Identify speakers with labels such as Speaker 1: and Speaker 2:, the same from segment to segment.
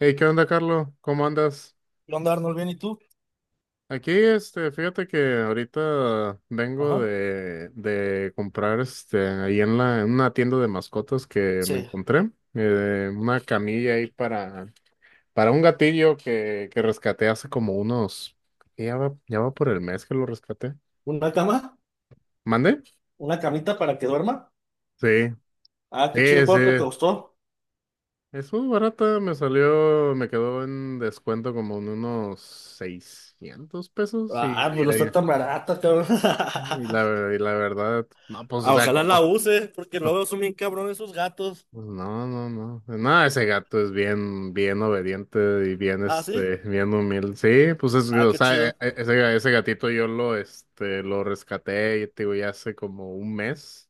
Speaker 1: Hey, ¿qué onda, Carlos? ¿Cómo andas?
Speaker 2: ¿Qué onda, Arnold? ¿Bien y tú?
Speaker 1: Aquí, fíjate que ahorita vengo
Speaker 2: Ajá.
Speaker 1: de comprar, ahí en en una tienda de mascotas que me
Speaker 2: Sí.
Speaker 1: encontré, una camilla ahí para un gatillo que rescaté ya ya va por el mes que lo rescaté.
Speaker 2: ¿Una cama?
Speaker 1: ¿Mande?
Speaker 2: ¿Una camita para que duerma?
Speaker 1: Sí,
Speaker 2: Ah, qué chido,
Speaker 1: sí, sí.
Speaker 2: ¿cuánto te costó?
Speaker 1: Es muy barata, me quedó en descuento como en unos 600 pesos
Speaker 2: Ah, pero está tan barata, cabrón.
Speaker 1: y y la verdad, no, pues, o
Speaker 2: Ah,
Speaker 1: sea,
Speaker 2: ojalá la use, porque
Speaker 1: no,
Speaker 2: luego son bien cabrones esos gatos.
Speaker 1: pues, no, no, no, no, ese gato es bien, bien obediente y bien,
Speaker 2: Ah, ¿sí?
Speaker 1: bien humilde, sí, pues,
Speaker 2: Ah,
Speaker 1: o
Speaker 2: qué
Speaker 1: sea,
Speaker 2: chido.
Speaker 1: ese gatito yo lo rescaté, y te digo, ya hace como un mes,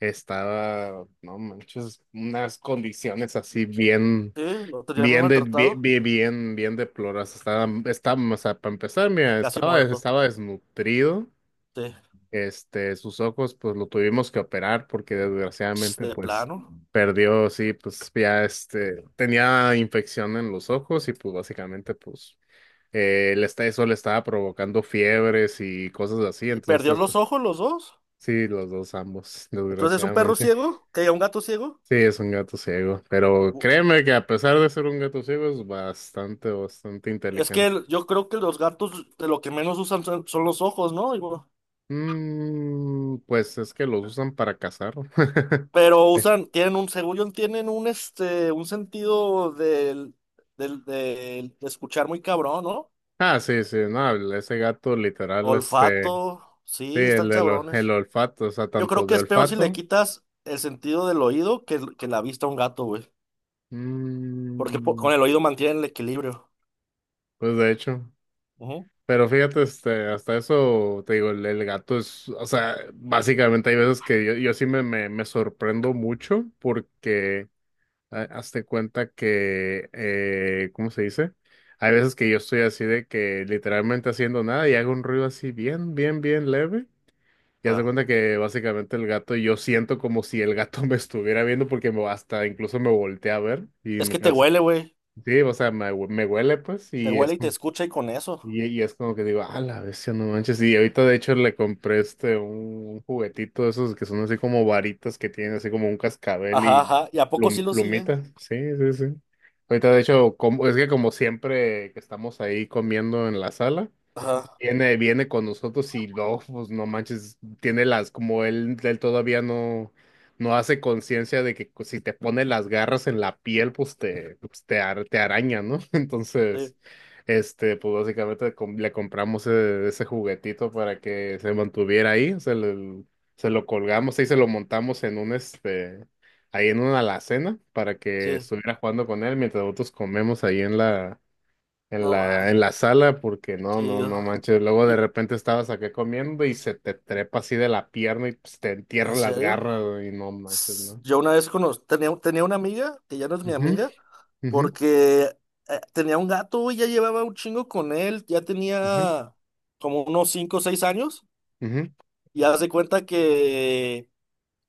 Speaker 1: estaba, no manches, unas condiciones así bien,
Speaker 2: Sí, lo tenía muy maltratado.
Speaker 1: bien, bien, bien, bien deploradas, estaba, o sea, para empezar, mira,
Speaker 2: Casi muerto.
Speaker 1: estaba desnutrido.
Speaker 2: Sí.
Speaker 1: Este, sus ojos, pues lo tuvimos que operar porque,
Speaker 2: Ch,
Speaker 1: desgraciadamente,
Speaker 2: de
Speaker 1: pues
Speaker 2: plano.
Speaker 1: perdió, sí, pues ya, tenía infección en los ojos y pues básicamente, pues, eso le estaba provocando fiebres y cosas así.
Speaker 2: Y perdió
Speaker 1: Entonces,
Speaker 2: los
Speaker 1: pues
Speaker 2: ojos los dos.
Speaker 1: sí, los dos ambos,
Speaker 2: Entonces, ¿es un perro
Speaker 1: desgraciadamente.
Speaker 2: ciego? ¿Que un gato ciego?
Speaker 1: Sí, es un gato ciego, pero
Speaker 2: U-
Speaker 1: créeme
Speaker 2: u-
Speaker 1: que a pesar de ser un gato ciego es bastante, bastante
Speaker 2: Es que
Speaker 1: inteligente.
Speaker 2: yo creo que los gatos de lo que menos usan son los ojos, ¿no?
Speaker 1: Mm, pues es que los usan para cazar.
Speaker 2: Pero usan, tienen un, según yo, tienen un, un sentido de escuchar muy cabrón, ¿no?
Speaker 1: Ah, sí, sí, no, ese gato literal, sí,
Speaker 2: Olfato, sí, están
Speaker 1: el, del ol- el,
Speaker 2: cabrones.
Speaker 1: olfato, o sea,
Speaker 2: Yo creo
Speaker 1: tanto
Speaker 2: que
Speaker 1: de
Speaker 2: es peor si le
Speaker 1: olfato,
Speaker 2: quitas el sentido del oído que la vista a un gato, güey. Porque
Speaker 1: mm,
Speaker 2: con el oído mantienen el equilibrio.
Speaker 1: pues de hecho,
Speaker 2: Ujú.
Speaker 1: pero fíjate, hasta eso, te digo, el gato es, o sea, básicamente hay veces que yo sí me sorprendo mucho porque, ah, hazte cuenta que, ¿cómo se dice? Hay veces que yo estoy así de que literalmente haciendo nada y hago un ruido así bien, bien, bien leve. Ya se
Speaker 2: Ah.
Speaker 1: cuenta que básicamente el gato, yo siento como si el gato me estuviera viendo porque me, hasta incluso, me volteé a ver y
Speaker 2: Es
Speaker 1: me
Speaker 2: que
Speaker 1: quedo
Speaker 2: te
Speaker 1: así.
Speaker 2: huele, güey.
Speaker 1: Sí, o sea, me huele pues,
Speaker 2: Te
Speaker 1: y es
Speaker 2: huele y te
Speaker 1: como,
Speaker 2: escucha y con eso.
Speaker 1: y es como que digo, ah, la bestia, no manches. Y ahorita, de hecho, le compré un juguetito de esos que son así como varitas que tienen así como un cascabel
Speaker 2: Ajá,
Speaker 1: y
Speaker 2: ajá. ¿Y a poco sí lo sigue?
Speaker 1: plumita. Sí, sí, sí. Ahorita, de hecho, como, es que como siempre que estamos ahí comiendo en la sala.
Speaker 2: Ajá,
Speaker 1: Viene con nosotros y no, pues no manches, tiene las, como él todavía no hace conciencia de que pues, si te pone las garras en la piel, pues te, pues, te araña, ¿no?
Speaker 2: sí,
Speaker 1: Entonces, pues básicamente, le compramos, ese juguetito para que se mantuviera ahí, se lo colgamos y se lo montamos en un, ahí en una alacena para que
Speaker 2: sí.
Speaker 1: estuviera jugando con él mientras nosotros comemos ahí en
Speaker 2: No más,
Speaker 1: en la sala, porque no, no, no
Speaker 2: chido.
Speaker 1: manches. Luego, de
Speaker 2: ¿Y
Speaker 1: repente, estabas acá comiendo y se te trepa así de la pierna y pues te entierra
Speaker 2: en
Speaker 1: las
Speaker 2: serio?
Speaker 1: garras, güey, y no manches, ¿no?
Speaker 2: Yo una vez tenía, tenía una amiga, que ya no es mi
Speaker 1: Ujú,
Speaker 2: amiga,
Speaker 1: ujú,
Speaker 2: porque tenía un gato y ya llevaba un chingo con él, ya
Speaker 1: ujú,
Speaker 2: tenía como unos 5 o 6 años, y hace cuenta que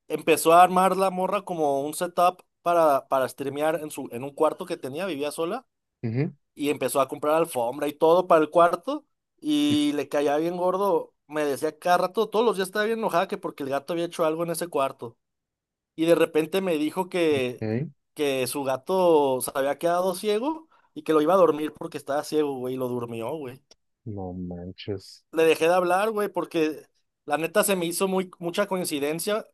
Speaker 2: empezó a armar la morra como un setup para streamear en su, en un cuarto que tenía, vivía sola,
Speaker 1: ujú,
Speaker 2: y empezó a comprar alfombra y todo para el cuarto,
Speaker 1: ujú,
Speaker 2: y le caía bien gordo, me decía cada rato, todos los días estaba bien enojada que porque el gato había hecho algo en ese cuarto y de repente me dijo
Speaker 1: ujú.
Speaker 2: que su gato se había quedado ciego y que lo iba a dormir porque estaba ciego, güey, y lo durmió, güey.
Speaker 1: No manches.
Speaker 2: Le dejé de hablar, güey, porque la neta se me hizo muy, mucha coincidencia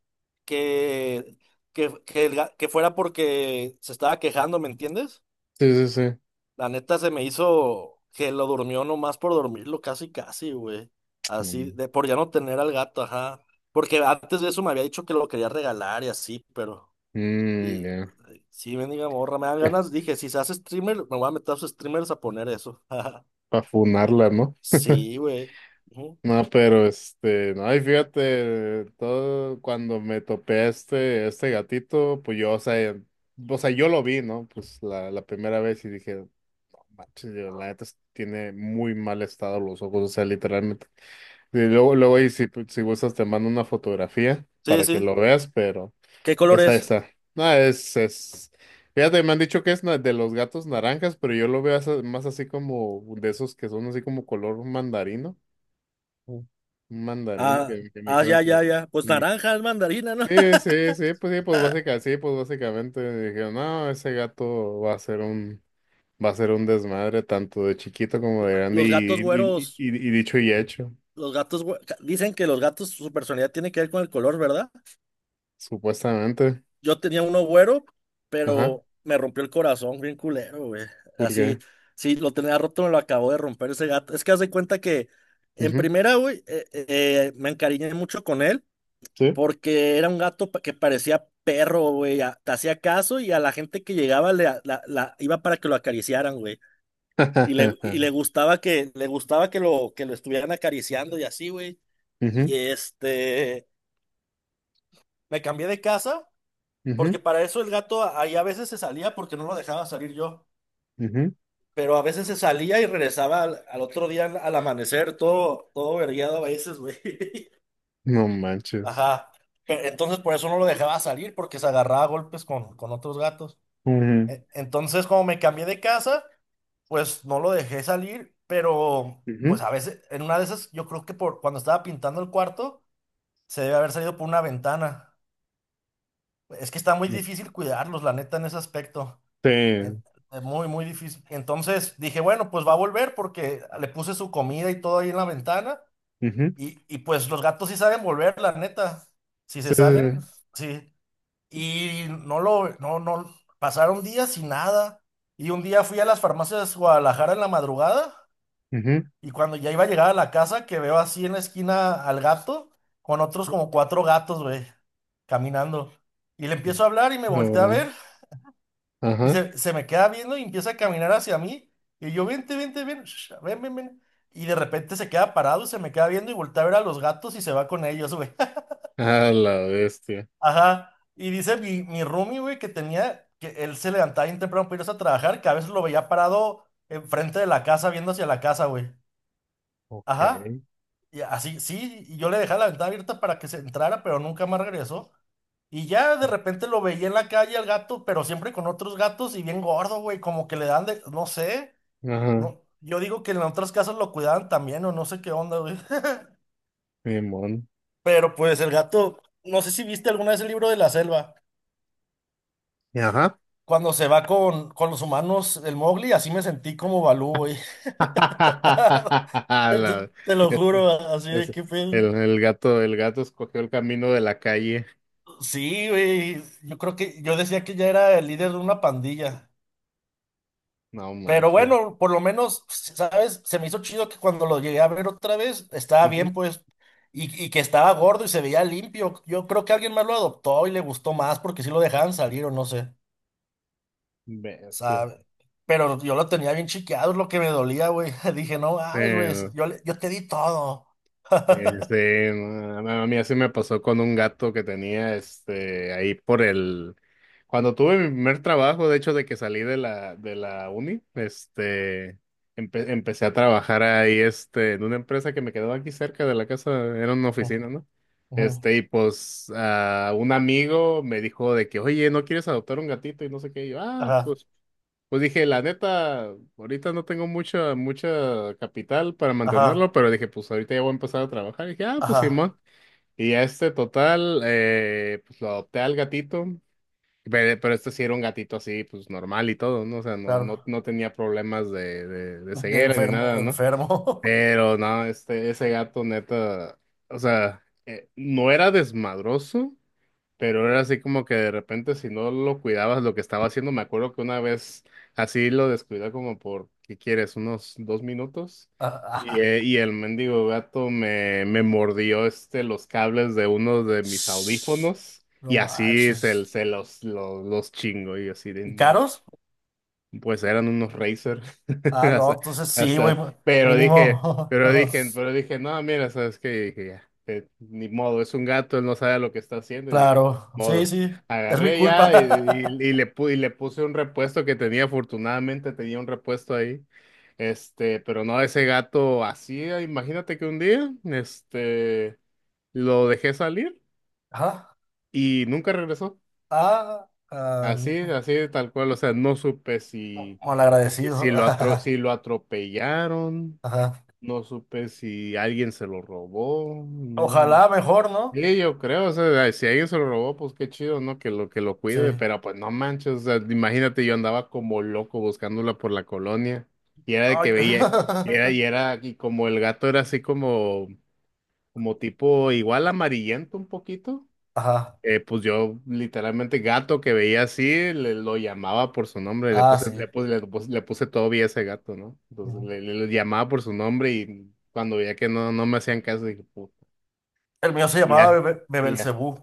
Speaker 2: que, que, que fuera porque se estaba quejando, ¿me entiendes?
Speaker 1: Sí, sí, sí.
Speaker 2: La neta se me hizo que lo durmió nomás por dormirlo, casi, casi, güey. Así,
Speaker 1: Mm,
Speaker 2: de por ya no tener al gato, ajá. Porque antes de eso me había dicho que lo quería regalar y así, pero...
Speaker 1: mm,
Speaker 2: Y
Speaker 1: ya.
Speaker 2: sí, mendiga morra, me dan ganas. Dije, si se hace streamer, me voy a meter a sus streamers a poner eso.
Speaker 1: Para funarla, no.
Speaker 2: Sí, güey. Ujú.
Speaker 1: No, pero no, y fíjate, todo cuando me topé a este gatito, pues yo, o sea, yo lo vi, ¿no? Pues la primera vez y dije, no manches, yo la neta tiene muy mal estado los ojos, o sea, literalmente. Y luego, luego, y si gustas, te mando una fotografía
Speaker 2: Sí,
Speaker 1: para que
Speaker 2: sí.
Speaker 1: lo veas, pero
Speaker 2: ¿Qué color
Speaker 1: esta,
Speaker 2: es?
Speaker 1: esta. No, es, es. Fíjate, me han dicho que de los gatos naranjas, pero yo lo veo más así como de esos que son así como color mandarino.
Speaker 2: Ujú.
Speaker 1: Un mandarino
Speaker 2: Ah,
Speaker 1: que me dijeron
Speaker 2: ya.
Speaker 1: que
Speaker 2: Pues
Speaker 1: me...
Speaker 2: naranja es mandarina, ¿no?
Speaker 1: Sí, sí, sí, pues básicamente me dijeron, no, ese gato va a ser un, va a ser un desmadre tanto de chiquito como de grande
Speaker 2: Los gatos
Speaker 1: y,
Speaker 2: güeros,
Speaker 1: y dicho y hecho,
Speaker 2: dicen que los gatos, su personalidad tiene que ver con el color, ¿verdad?
Speaker 1: supuestamente.
Speaker 2: Yo tenía uno güero,
Speaker 1: Ajá,
Speaker 2: pero me rompió el corazón, bien culero, güey.
Speaker 1: ¿por
Speaker 2: Así,
Speaker 1: qué?
Speaker 2: sí, lo tenía roto, me lo acabó de romper ese gato. Es que haz de cuenta que, en
Speaker 1: Ujú,
Speaker 2: primera, güey, me encariñé mucho con él.
Speaker 1: sí.
Speaker 2: Porque era un gato que parecía perro, güey. Te hacía caso y a la gente que llegaba le, a- la- iba para que lo acariciaran, güey. Y le, y le gustaba que, le gustaba que lo estuvieran acariciando y así, güey.
Speaker 1: Ujú,
Speaker 2: Y este, me cambié de casa
Speaker 1: ujú,
Speaker 2: porque para eso el gato ahí a veces se salía porque no lo dejaba salir yo.
Speaker 1: ujú.
Speaker 2: Pero a veces se salía y regresaba al, al otro día al, al amanecer, todo, todo vergueado a veces, güey.
Speaker 1: No manches.
Speaker 2: Ajá. Entonces por eso no lo dejaba salir porque se agarraba a golpes con otros gatos.
Speaker 1: Ujú,
Speaker 2: Entonces, como me cambié de casa, pues no lo dejé salir, pero
Speaker 1: ujú.
Speaker 2: pues a veces, en una de esas, yo creo que por cuando estaba pintando el cuarto, se debe haber salido por una ventana. Es que está muy difícil cuidarlos, la neta, en ese aspecto.
Speaker 1: Sí.
Speaker 2: Eh, Muy, muy difícil. Entonces dije, bueno, pues va a volver porque le puse su comida y todo ahí en la ventana.
Speaker 1: Ujú,
Speaker 2: Y pues los gatos sí saben volver, la neta. Si se
Speaker 1: sí,
Speaker 2: salen,
Speaker 1: sí,
Speaker 2: sí. Y no lo, no, no, pasaron días y nada. Y un día fui a las farmacias Guadalajara en la madrugada
Speaker 1: sí.
Speaker 2: y cuando ya iba a llegar a la casa que veo así en la esquina al gato con otros como 4 gatos, güey, caminando. Y le
Speaker 1: Ujú.
Speaker 2: empiezo a hablar y me volteé a ver
Speaker 1: Cabrón.
Speaker 2: y
Speaker 1: Ajá.
Speaker 2: se me queda viendo y empieza a caminar hacia mí. Y yo, vente, vente, ven, ven, ven, ven. Y de repente se queda parado y se me queda viendo y voltea a ver a los gatos y se va con ellos, güey.
Speaker 1: A la bestia.
Speaker 2: Ajá. Y dice mi roomie, güey, que tenía, que él se levantaba bien temprano para irse a trabajar, que a veces lo veía parado enfrente de la casa, viendo hacia la casa, güey.
Speaker 1: Ok.
Speaker 2: Ajá. Y así, sí, y yo le dejaba la ventana abierta para que se entrara, pero nunca más regresó. Y ya de repente lo veía en la calle al gato, pero siempre con otros gatos y bien gordo, güey, como que le dan de, no sé,
Speaker 1: Ajá,
Speaker 2: no, yo digo que en otras casas lo cuidaban también o no sé qué onda, güey.
Speaker 1: mi mon.
Speaker 2: Pero pues el gato, no sé si viste alguna vez el libro de la selva.
Speaker 1: Y ajá.
Speaker 2: Cuando se va con los humanos, el Mowgli, así me sentí como Balú, güey. Te,
Speaker 1: La...
Speaker 2: te lo
Speaker 1: ese-
Speaker 2: juro, así de
Speaker 1: ese-
Speaker 2: qué pedo.
Speaker 1: el gato escogió el camino de la calle.
Speaker 2: Sí, güey. Yo creo que yo decía que ya era el líder de una pandilla.
Speaker 1: No
Speaker 2: Pero
Speaker 1: manches.
Speaker 2: bueno, por lo menos, ¿sabes? Se me hizo chido que cuando lo llegué a ver otra vez, estaba bien,
Speaker 1: Ujú.
Speaker 2: pues. Y que estaba gordo y se veía limpio. Yo creo que alguien más lo adoptó y le gustó más porque sí lo dejaban salir o no sé.
Speaker 1: Bestia.
Speaker 2: Sabe. Pero yo lo tenía bien chiqueado, es lo que me dolía, güey. Dije, no
Speaker 1: Sí,
Speaker 2: mames, güey,
Speaker 1: no.
Speaker 2: yo te di todo.
Speaker 1: No, no, a mí así me pasó con un gato que tenía, ahí por el, cuando tuve mi primer trabajo, de hecho, de que salí de de la uni. Empecé a trabajar ahí, en una empresa que me quedaba aquí cerca de la casa, era una
Speaker 2: Ujú,
Speaker 1: oficina, ¿no?
Speaker 2: ujú.
Speaker 1: Y pues, ah, un amigo me dijo de que, oye, ¿no quieres adoptar un gatito? Y no sé qué, y yo, ah,
Speaker 2: Ajá,
Speaker 1: pues. Pues dije, la neta, ahorita no tengo mucha, mucha capital para
Speaker 2: ajá,
Speaker 1: mantenerlo, pero dije, pues ahorita ya voy a empezar a trabajar. Y dije, ah, pues
Speaker 2: ajá,
Speaker 1: Simón. Y ya este total, pues lo adopté al gatito, pero este sí era un gatito así, pues normal y todo, ¿no? O sea, no,
Speaker 2: claro.
Speaker 1: no, no tenía problemas de
Speaker 2: De
Speaker 1: ceguera ni
Speaker 2: enfermo,
Speaker 1: nada,
Speaker 2: de
Speaker 1: ¿no?
Speaker 2: enfermo.
Speaker 1: Pero no, ese gato neta, o sea, no era desmadroso. Pero era así como que de repente, si no lo cuidabas lo que estaba haciendo, me acuerdo que una vez así lo descuidé como por, ¿qué quieres? Unos 2 minutos.
Speaker 2: Ajá.
Speaker 1: Y el mendigo gato me mordió, los cables de uno de mis audífonos y
Speaker 2: No
Speaker 1: así se,
Speaker 2: manches.
Speaker 1: los chingo, y yo así de
Speaker 2: ¿Y
Speaker 1: no.
Speaker 2: caros?
Speaker 1: Pues eran unos Razer.
Speaker 2: Ah, no,
Speaker 1: Hasta,
Speaker 2: entonces sí, güey, pues,
Speaker 1: pero dije,
Speaker 2: mínimo.
Speaker 1: pero dije, pero dije, no, mira, sabes qué, dije, ya, ni modo, es un gato, él no sabe lo que está haciendo. Y dije,
Speaker 2: Claro, sí,
Speaker 1: modo.
Speaker 2: sí, es mi
Speaker 1: Agarré ya, y
Speaker 2: culpa.
Speaker 1: y le puse un repuesto que tenía, afortunadamente tenía un repuesto ahí. Este, pero no, ese gato así, imagínate que un día, lo dejé salir
Speaker 2: Ajá,
Speaker 1: y nunca regresó.
Speaker 2: ah, ah,
Speaker 1: Así,
Speaker 2: hijo.
Speaker 1: así tal cual, o sea, no supe si,
Speaker 2: Malagradecido.
Speaker 1: si lo atropellaron,
Speaker 2: Ajá.
Speaker 1: no supe si alguien se lo robó, no, no.
Speaker 2: Ojalá mejor, ¿no?
Speaker 1: Sí, yo creo, o sea, si alguien se lo robó, pues qué chido, ¿no? Que lo
Speaker 2: Sí.
Speaker 1: cuide, pero pues no manches, o sea, imagínate, yo andaba como loco buscándola por la colonia, y era de
Speaker 2: Ay,
Speaker 1: que veía, y era, y como el gato era así como, como tipo igual amarillento un poquito.
Speaker 2: ajá.
Speaker 1: Pues yo literalmente gato que veía así, lo llamaba por su nombre. Le
Speaker 2: Ah,
Speaker 1: puse,
Speaker 2: sí.
Speaker 1: le puse Toby a ese gato, ¿no? Entonces
Speaker 2: Ujú.
Speaker 1: le, le llamaba por su nombre y cuando veía que no, no me hacían caso, dije, puta,
Speaker 2: El mío se
Speaker 1: y
Speaker 2: llamaba
Speaker 1: ya, y ya.
Speaker 2: Bebelcebú.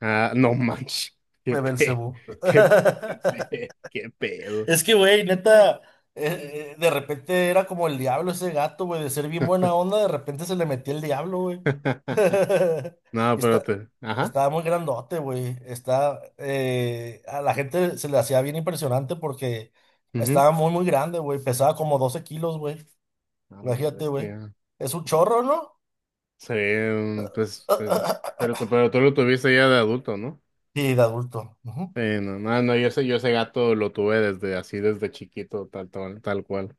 Speaker 1: Ah, no manches, qué pe,
Speaker 2: Bebelcebú.
Speaker 1: qué qué pedo.
Speaker 2: Es que, güey, neta, de repente era como el diablo ese gato, güey, de ser bien buena onda, de repente se le metía el diablo, güey.
Speaker 1: No,
Speaker 2: Y
Speaker 1: pero
Speaker 2: está,
Speaker 1: te, ajá,
Speaker 2: estaba muy grandote, güey. Está, a la gente se le hacía bien impresionante porque
Speaker 1: ujú.
Speaker 2: estaba muy, muy grande, güey. Pesaba como 12 kilos, güey.
Speaker 1: A la
Speaker 2: Imagínate, güey.
Speaker 1: bestia.
Speaker 2: Es un chorro, ¿no?
Speaker 1: Sí, mm, pues, pues, pero tú lo tuviste ya de adulto, ¿no?
Speaker 2: Sí, de adulto. Ujú,
Speaker 1: Sí, no, no, no, yo ese gato lo tuve desde así, desde chiquito, tal, tal, tal cual.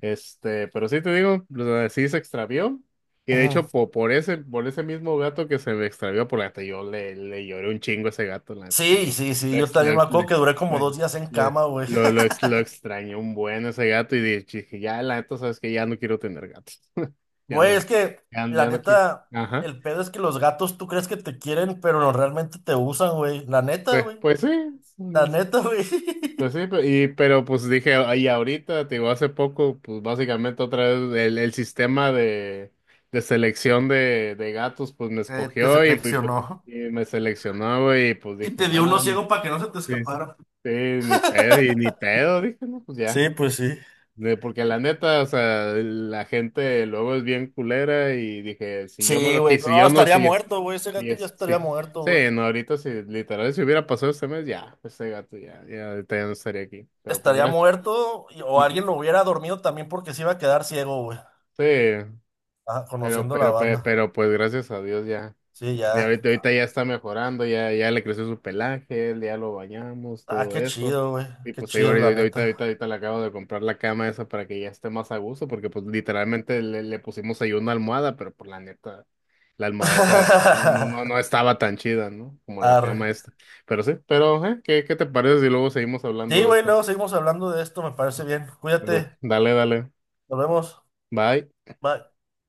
Speaker 1: Este, pero sí te digo, o sea, sí se extravió. Y de
Speaker 2: ujú.
Speaker 1: hecho, ese, por ese mismo gato que se me extravió, por la neta, yo le, le lloré un chingo a ese gato, la neta, sí.
Speaker 2: Sí, sí, sí, yo
Speaker 1: Lo,
Speaker 2: también me
Speaker 1: ex-
Speaker 2: acuerdo
Speaker 1: le-
Speaker 2: que duré como
Speaker 1: le-
Speaker 2: 2 días en
Speaker 1: le-
Speaker 2: cama, güey.
Speaker 1: lo ex- lo extrañé un buen ese gato, y dije, ya, la neta, sabes que ya no quiero tener gatos. Ya no,
Speaker 2: Güey, es que
Speaker 1: ya,
Speaker 2: la
Speaker 1: ya no quiero.
Speaker 2: neta,
Speaker 1: Ajá.
Speaker 2: el pedo es que los gatos tú crees que te quieren, pero no realmente te usan, güey. La neta,
Speaker 1: Pues,
Speaker 2: güey.
Speaker 1: pues sí.
Speaker 2: La neta, güey.
Speaker 1: Pues sí, pero pues dije, ahí ahorita, te digo, hace poco, pues básicamente otra vez el sistema de selección de gatos, pues me
Speaker 2: Te
Speaker 1: escogió, y pues
Speaker 2: seleccionó.
Speaker 1: y me seleccionó, güey, y pues
Speaker 2: Y
Speaker 1: dije,
Speaker 2: te dio uno
Speaker 1: no,
Speaker 2: ciego para que no se te
Speaker 1: sí, sí,
Speaker 2: escapara.
Speaker 1: ni pedo, y ni pedo, dije, no, pues
Speaker 2: Sí,
Speaker 1: ya.
Speaker 2: pues sí.
Speaker 1: De- porque la neta, o sea, la gente luego es bien culera, y dije, si yo no
Speaker 2: Sí,
Speaker 1: lo
Speaker 2: güey.
Speaker 1: quise, si
Speaker 2: No,
Speaker 1: yo no,
Speaker 2: estaría
Speaker 1: si es,
Speaker 2: muerto, güey. Ese
Speaker 1: si
Speaker 2: gato ya
Speaker 1: es, sí.
Speaker 2: estaría muerto,
Speaker 1: Sí,
Speaker 2: güey.
Speaker 1: no, ahorita, si literal, si hubiera pasado este mes, ya, este gato ya, ya, ahorita ya no estaría aquí. Pero pues
Speaker 2: Estaría
Speaker 1: gracias.
Speaker 2: muerto o alguien
Speaker 1: Ujú.
Speaker 2: lo hubiera dormido también porque se iba a quedar ciego, güey.
Speaker 1: Sí,
Speaker 2: Ah, conociendo la
Speaker 1: pero,
Speaker 2: banda.
Speaker 1: pero pues gracias a Dios ya.
Speaker 2: Sí,
Speaker 1: Y
Speaker 2: ya.
Speaker 1: ahorita, ahorita ya está mejorando, ya, ya le creció su pelaje, él ya lo bañamos,
Speaker 2: Ah,
Speaker 1: todo
Speaker 2: qué
Speaker 1: eso.
Speaker 2: chido, güey.
Speaker 1: Y
Speaker 2: Qué
Speaker 1: pues ahí
Speaker 2: chido, la
Speaker 1: ahorita, ahorita, ahorita,
Speaker 2: neta.
Speaker 1: ahorita le acabo de comprar la cama esa para que ya esté más a gusto, porque pues literalmente le, le pusimos ahí una almohada, pero por la neta, la almohada esa pues, no, no, no, no estaba tan chida, ¿no? Como la
Speaker 2: Arre.
Speaker 1: cama esta. Pero sí, pero, ¿eh? ¿Qué, qué te parece si luego seguimos
Speaker 2: Sí,
Speaker 1: hablando de
Speaker 2: güey,
Speaker 1: esto?
Speaker 2: luego seguimos hablando de esto, me parece bien.
Speaker 1: Dale,
Speaker 2: Cuídate.
Speaker 1: dale, dale.
Speaker 2: Nos vemos.
Speaker 1: Bye.
Speaker 2: Bye.